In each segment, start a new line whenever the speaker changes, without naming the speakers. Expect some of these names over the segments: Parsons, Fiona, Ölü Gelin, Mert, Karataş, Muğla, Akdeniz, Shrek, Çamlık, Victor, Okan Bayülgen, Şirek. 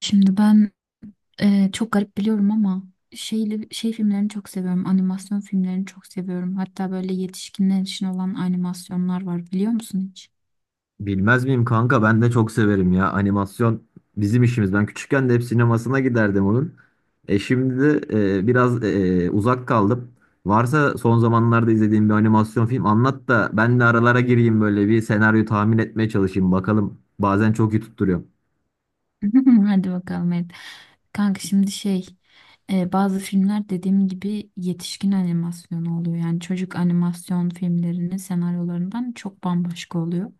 Şimdi ben çok garip biliyorum ama şey filmlerini çok seviyorum. Animasyon filmlerini çok seviyorum. Hatta böyle yetişkinler için olan animasyonlar var, biliyor musun hiç?
Bilmez miyim kanka, ben de çok severim ya, animasyon bizim işimiz. Ben küçükken de hep sinemasına giderdim onun. E şimdi de biraz uzak kaldım. Varsa son zamanlarda izlediğim bir animasyon film anlat da ben de aralara gireyim, böyle bir senaryo tahmin etmeye çalışayım bakalım. Bazen çok iyi tutturuyor.
Hadi bakalım, evet. Kanka şimdi bazı filmler, dediğim gibi, yetişkin animasyonu oluyor. Yani çocuk animasyon filmlerinin senaryolarından çok bambaşka oluyor.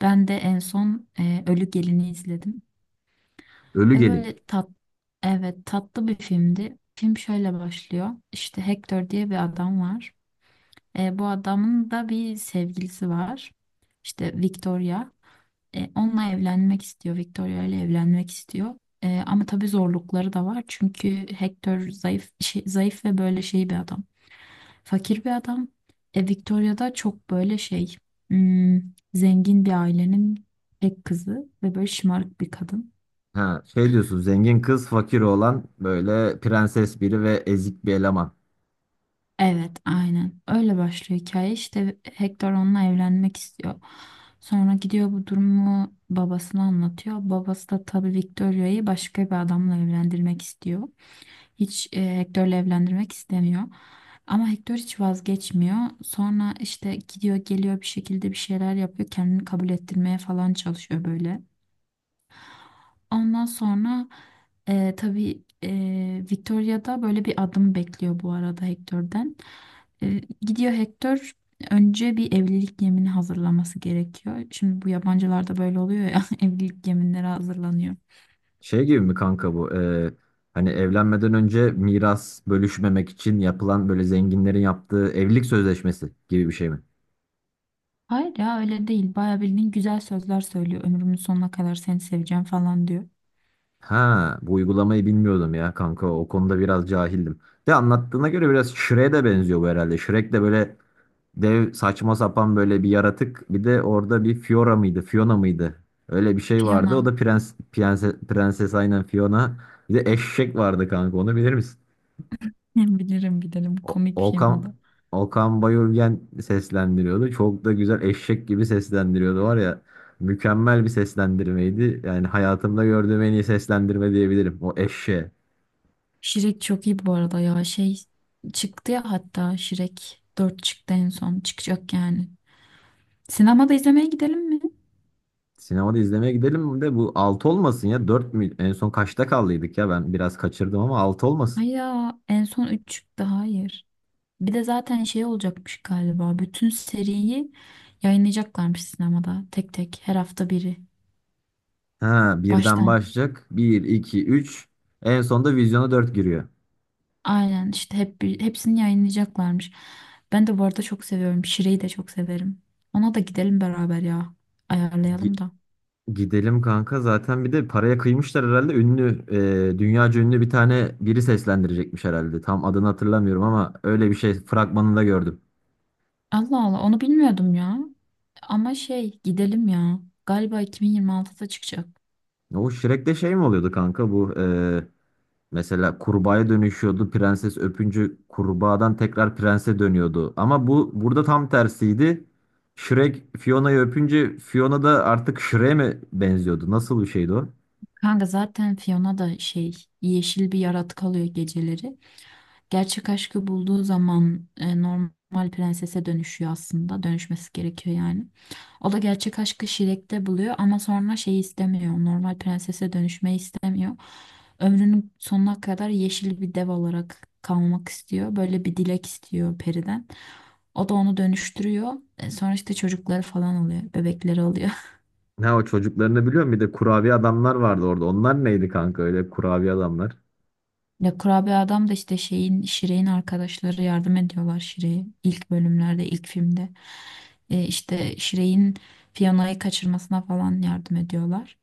Ben de en son Ölü Gelin'i izledim.
Ölü
Ya
Gelin.
böyle evet, tatlı bir filmdi. Film şöyle başlıyor. İşte Hector diye bir adam var. Bu adamın da bir sevgilisi var. İşte Victoria. Onunla evlenmek istiyor. Victoria ile evlenmek istiyor. Ama tabii zorlukları da var. Çünkü Hector zayıf zayıf ve böyle şey bir adam. Fakir bir adam. Victoria da çok böyle hmm, zengin bir ailenin tek kızı ve böyle şımarık bir kadın.
Ha, şey diyorsun, zengin kız fakir oğlan, böyle prenses biri ve ezik bir eleman.
Evet, aynen. Öyle başlıyor hikaye. İşte Hector onunla evlenmek istiyor. Sonra gidiyor, bu durumu babasına anlatıyor. Babası da tabii Victoria'yı başka bir adamla evlendirmek istiyor. Hiç Hector'la evlendirmek istemiyor. Ama Hector hiç vazgeçmiyor. Sonra işte gidiyor geliyor, bir şekilde bir şeyler yapıyor. Kendini kabul ettirmeye falan çalışıyor böyle. Ondan sonra tabii Victoria da böyle bir adım bekliyor bu arada Hector'den. Gidiyor Hector, önce bir evlilik yemini hazırlaması gerekiyor. Şimdi bu yabancılarda böyle oluyor ya, evlilik yeminleri hazırlanıyor.
Şey gibi mi kanka bu? Hani evlenmeden önce miras bölüşmemek için yapılan, böyle zenginlerin yaptığı evlilik sözleşmesi gibi bir şey mi?
Hayır ya, öyle değil. Bayağı bildiğin güzel sözler söylüyor. Ömrümün sonuna kadar seni seveceğim falan diyor.
Ha, bu uygulamayı bilmiyordum ya kanka. O konuda biraz cahildim. De anlattığına göre biraz Shrek'e de benziyor bu herhalde. Shrek de böyle dev, saçma sapan, böyle bir yaratık. Bir de orada bir Fiora mıydı? Fiona mıydı? Öyle bir şey vardı. O
Fiona.
da prenses, aynen Fiona. Bir de eşek vardı kanka. Onu bilir misin?
Bilirim, bilirim.
O-
Komik bir film o
Okan
da.
Okan Bayülgen seslendiriyordu. Çok da güzel eşek gibi seslendiriyordu var ya. Mükemmel bir seslendirmeydi. Yani hayatımda gördüğüm en iyi seslendirme diyebilirim, o eşeğe.
Şirek çok iyi bu arada ya. Çıktı ya, hatta Şirek 4 çıktı en son. Çıkacak yani. Sinemada izlemeye gidelim mi?
Sinemada izlemeye gidelim de bu 6 olmasın ya. Dört mü? En son kaçta kaldıydık ya? Ben biraz kaçırdım ama 6 olmasın.
Ay ya, en son 3 çıktı, hayır. Bir de zaten şey olacakmış galiba. Bütün seriyi yayınlayacaklarmış sinemada. Tek tek, her hafta biri.
Ha, birden
Baştan.
başlayacak. Bir, iki, üç. En sonunda vizyona 4 giriyor.
Aynen işte, hep hepsini yayınlayacaklarmış. Ben de bu arada çok seviyorum. Şire'yi de çok severim. Ona da gidelim beraber ya. Ayarlayalım da.
Gidelim kanka, zaten bir de paraya kıymışlar herhalde, ünlü dünyaca ünlü bir tane biri seslendirecekmiş herhalde, tam adını hatırlamıyorum ama öyle bir şey fragmanında gördüm.
Allah Allah, onu bilmiyordum ya. Ama şey, gidelim ya. Galiba 2026'da çıkacak.
O Shrek'te şey mi oluyordu kanka bu, mesela kurbağaya dönüşüyordu prenses, öpüncü kurbağadan tekrar prense dönüyordu, ama bu burada tam tersiydi. Shrek Fiona'yı öpünce Fiona da artık Shrek'e mi benziyordu, nasıl bir şeydi o?
Kanka zaten Fiona da yeşil bir yaratık alıyor geceleri. Gerçek aşkı bulduğu zaman normal prensese dönüşüyor aslında. Dönüşmesi gerekiyor yani. O da gerçek aşkı Şirek'te buluyor, ama sonra şeyi istemiyor. Normal prensese dönüşmeyi istemiyor. Ömrünün sonuna kadar yeşil bir dev olarak kalmak istiyor. Böyle bir dilek istiyor periden. O da onu dönüştürüyor. Sonra işte çocukları falan oluyor. Bebekleri oluyor.
Ne o, çocuklarını biliyorum. Bir de kurabiye adamlar vardı orada. Onlar neydi kanka öyle, kurabiye adamlar?
Ya kurabiye adam da işte Şire'in arkadaşları yardım ediyorlar Şire'ye, ilk bölümlerde, ilk filmde işte Şire'in Fiona'yı kaçırmasına falan yardım ediyorlar.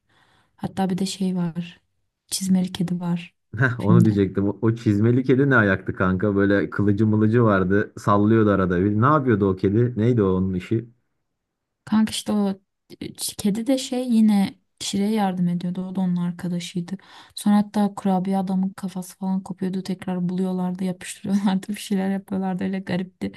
Hatta bir de şey var çizmeli kedi var
Heh, onu
filmde.
diyecektim. O çizmeli kedi ne ayaktı kanka? Böyle kılıcı mılıcı vardı. Sallıyordu arada. Bir, ne yapıyordu o kedi? Neydi o, onun işi?
Kanka işte o e, kedi de yine Şire'ye yardım ediyordu, o da onun arkadaşıydı. Sonra hatta kurabiye adamın kafası falan kopuyordu, tekrar buluyorlardı, yapıştırıyorlardı, bir şeyler yapıyorlardı, öyle garipti.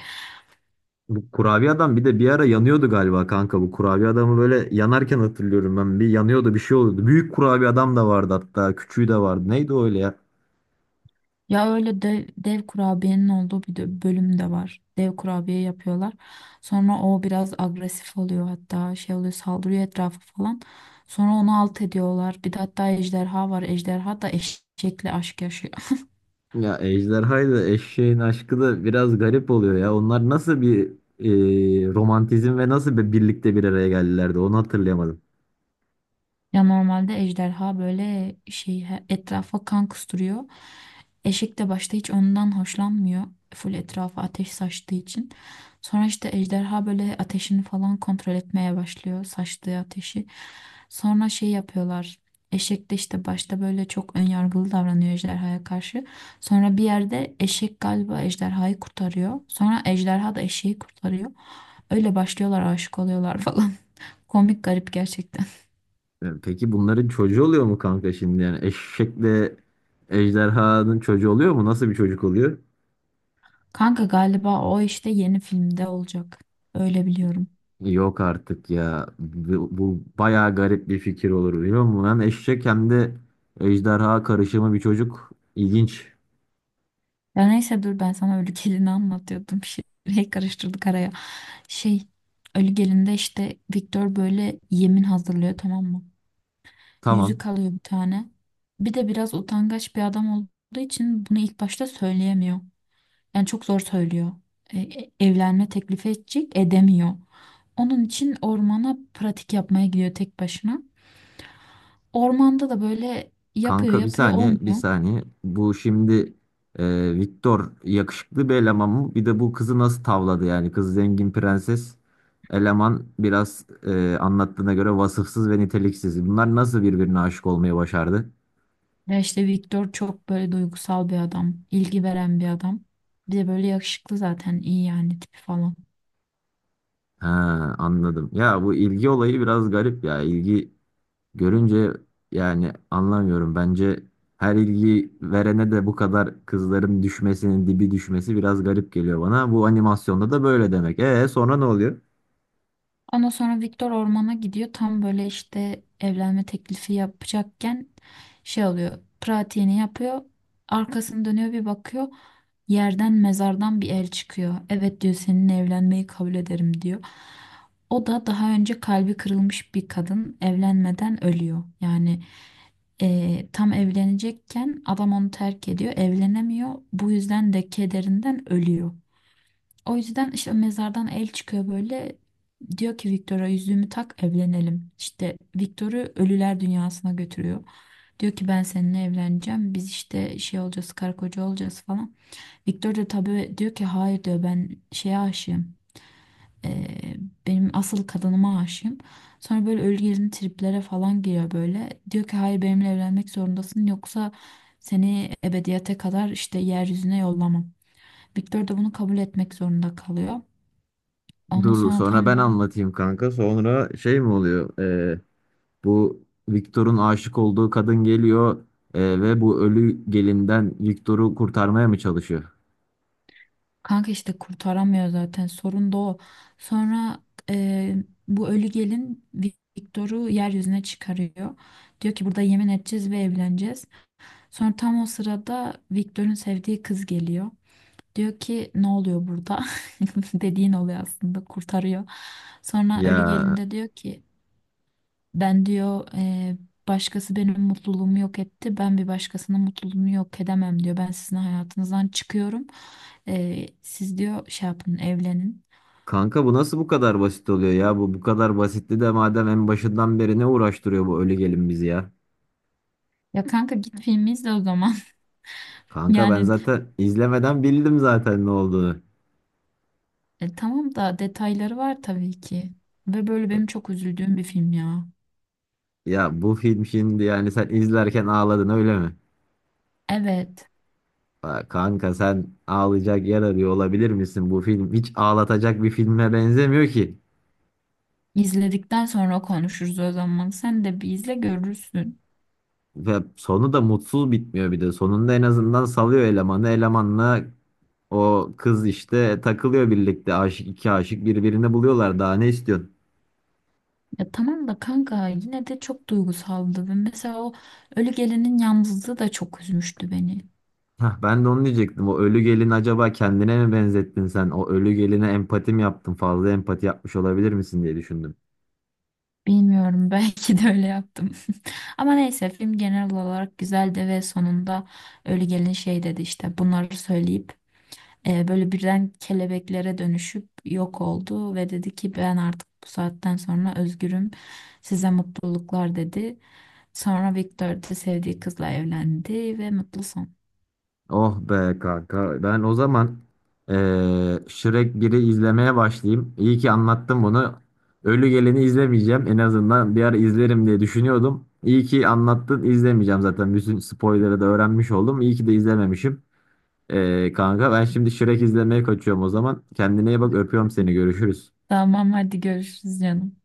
Bu kurabiye adam bir de bir ara yanıyordu galiba kanka. Bu kurabiye adamı böyle yanarken hatırlıyorum ben. Bir yanıyordu, bir şey oluyordu. Büyük kurabiye adam da vardı hatta. Küçüğü de vardı. Neydi o öyle ya?
Ya öyle dev, dev kurabiyenin olduğu bir de bölüm de var. Dev kurabiye yapıyorlar. Sonra o biraz agresif oluyor, hatta şey oluyor, saldırıyor etrafı falan. Sonra onu alt ediyorlar. Bir de hatta ejderha var. Ejderha da eşekle aşk yaşıyor.
Ya ejderhaydı. Eşeğin aşkı da biraz garip oluyor ya. Onlar nasıl bir romantizm ve nasıl bir birlikte, bir araya geldilerdi, onu hatırlayamadım.
Ya normalde ejderha böyle etrafa kan kusturuyor. Eşek de başta hiç ondan hoşlanmıyor. Full etrafa ateş saçtığı için. Sonra işte ejderha böyle ateşini falan kontrol etmeye başlıyor. Saçtığı ateşi. Sonra şey yapıyorlar. Eşek de işte başta böyle çok önyargılı davranıyor ejderhaya karşı. Sonra bir yerde eşek galiba ejderhayı kurtarıyor. Sonra ejderha da eşeği kurtarıyor. Öyle başlıyorlar, aşık oluyorlar falan. Komik, garip gerçekten.
E, peki bunların çocuğu oluyor mu kanka şimdi? Yani eşekle ejderhanın çocuğu oluyor mu? Nasıl bir çocuk oluyor?
Kanka galiba o işte yeni filmde olacak. Öyle biliyorum.
Yok artık ya. Bu bayağı garip bir fikir olur, biliyor musun? Hem eşek hem de ejderha karışımı bir çocuk. İlginç.
Ya neyse, dur ben sana Ölü Gelin'i anlatıyordum. Karıştırdık araya. Şey Ölü Gelin'de işte Victor böyle yemin hazırlıyor, tamam mı?
Tamam.
Yüzük alıyor bir tane. Bir de biraz utangaç bir adam olduğu için bunu ilk başta söyleyemiyor. Yani çok zor söylüyor. Evlenme teklifi edecek, edemiyor. Onun için ormana pratik yapmaya gidiyor tek başına. Ormanda da böyle yapıyor
Kanka bir
yapıyor,
saniye, bir
olmuyor.
saniye. Bu şimdi Victor yakışıklı bir eleman mı? Bir de bu kızı nasıl tavladı yani? Kız zengin prenses. Eleman biraz anlattığına göre vasıfsız ve niteliksiz. Bunlar nasıl birbirine aşık olmayı başardı?
Ya işte Victor çok böyle duygusal bir adam, ilgi veren bir adam. Bir de böyle yakışıklı, zaten iyi yani tipi falan.
Ha, anladım. Ya bu ilgi olayı biraz garip ya. İlgi görünce, yani anlamıyorum. Bence her ilgi verene de bu kadar kızların düşmesinin, dibi düşmesi biraz garip geliyor bana. Bu animasyonda da böyle demek. E sonra ne oluyor?
Ondan sonra Victor ormana gidiyor. Tam böyle işte evlenme teklifi yapacakken şey oluyor. Pratiğini yapıyor. Arkasını dönüyor, bir bakıyor. Yerden, mezardan bir el çıkıyor. Evet diyor, seninle evlenmeyi kabul ederim diyor. O da daha önce kalbi kırılmış bir kadın, evlenmeden ölüyor. Yani tam evlenecekken adam onu terk ediyor, evlenemiyor. Bu yüzden de kederinden ölüyor. O yüzden işte mezardan el çıkıyor böyle. Diyor ki Victor'a, yüzüğümü tak, evlenelim. İşte Victor'u ölüler dünyasına götürüyor. Diyor ki ben seninle evleneceğim. Biz işte şey olacağız, karı koca olacağız falan. Victor da tabii diyor ki hayır, diyor, ben şeye aşığım. Ee, Benim asıl kadınıma aşığım. Sonra böyle ölü gezgin triplere falan giriyor böyle. Diyor ki hayır, benimle evlenmek zorundasın, yoksa seni ebediyete kadar işte yeryüzüne yollamam. Victor da bunu kabul etmek zorunda kalıyor. Ondan
Dur
sonra
sonra
tam
ben
böyle.
anlatayım kanka. Sonra şey mi oluyor? Bu Victor'un aşık olduğu kadın geliyor ve bu ölü gelinden Victor'u kurtarmaya mı çalışıyor?
Kanka işte kurtaramıyor, zaten sorun da o. Sonra e, bu ölü gelin Victor'u yeryüzüne çıkarıyor. Diyor ki burada yemin edeceğiz ve evleneceğiz. Sonra tam o sırada Victor'un sevdiği kız geliyor. Diyor ki ne oluyor burada? Dediğin oluyor aslında, kurtarıyor. Sonra ölü
Ya
gelin de diyor ki ben, diyor, başkası benim mutluluğumu yok etti. Ben bir başkasının mutluluğunu yok edemem," diyor. Ben sizin hayatınızdan çıkıyorum. Siz diyor, şey yapın, evlenin.
kanka, bu nasıl bu kadar basit oluyor ya? Bu kadar basitti de madem, en başından beri ne uğraştırıyor bu ölü gelin bizi ya?
Ya kanka, git filmi izle o zaman.
Kanka ben
Yani
zaten izlemeden bildim zaten ne olduğunu.
tamam da detayları var tabii ki. Ve böyle benim çok üzüldüğüm bir film ya.
Ya bu film şimdi, yani sen izlerken ağladın öyle mi?
Evet.
Aa, kanka sen ağlayacak yer arıyor olabilir misin? Bu film hiç ağlatacak bir filme benzemiyor ki.
izledikten sonra konuşuruz o zaman. Sen de bir izle, görürsün.
Ve sonu da mutsuz bitmiyor bir de. Sonunda en azından salıyor elemanı. Elemanla o kız işte takılıyor birlikte. Aşık iki aşık birbirini buluyorlar. Daha ne istiyorsun?
Ya tamam da kanka, yine de çok duygusaldı ve mesela o ölü gelinin yalnızlığı da çok üzmüştü beni.
Hah, ben de onu diyecektim. O ölü gelin, acaba kendine mi benzettin sen? O ölü geline empati mi yaptın? Fazla empati yapmış olabilir misin diye düşündüm.
Bilmiyorum, belki de öyle yaptım. Ama neyse, film genel olarak güzeldi ve sonunda ölü gelin şey dedi, işte bunları söyleyip böyle birden kelebeklere dönüşüp yok oldu ve dedi ki ben artık bu saatten sonra özgürüm, size mutluluklar, dedi. Sonra Victor de sevdiği kızla evlendi ve mutlu son.
Oh be kanka. Ben o zaman Shrek 1'i izlemeye başlayayım. İyi ki anlattım bunu. Ölü Gelen'i izlemeyeceğim. En azından bir ara izlerim diye düşünüyordum. İyi ki anlattın. İzlemeyeceğim zaten. Bütün spoiler'ı da öğrenmiş oldum. İyi ki de izlememişim. Kanka ben şimdi Shrek izlemeye kaçıyorum o zaman. Kendine iyi bak. Öpüyorum seni. Görüşürüz.
Tamam, hadi görüşürüz canım.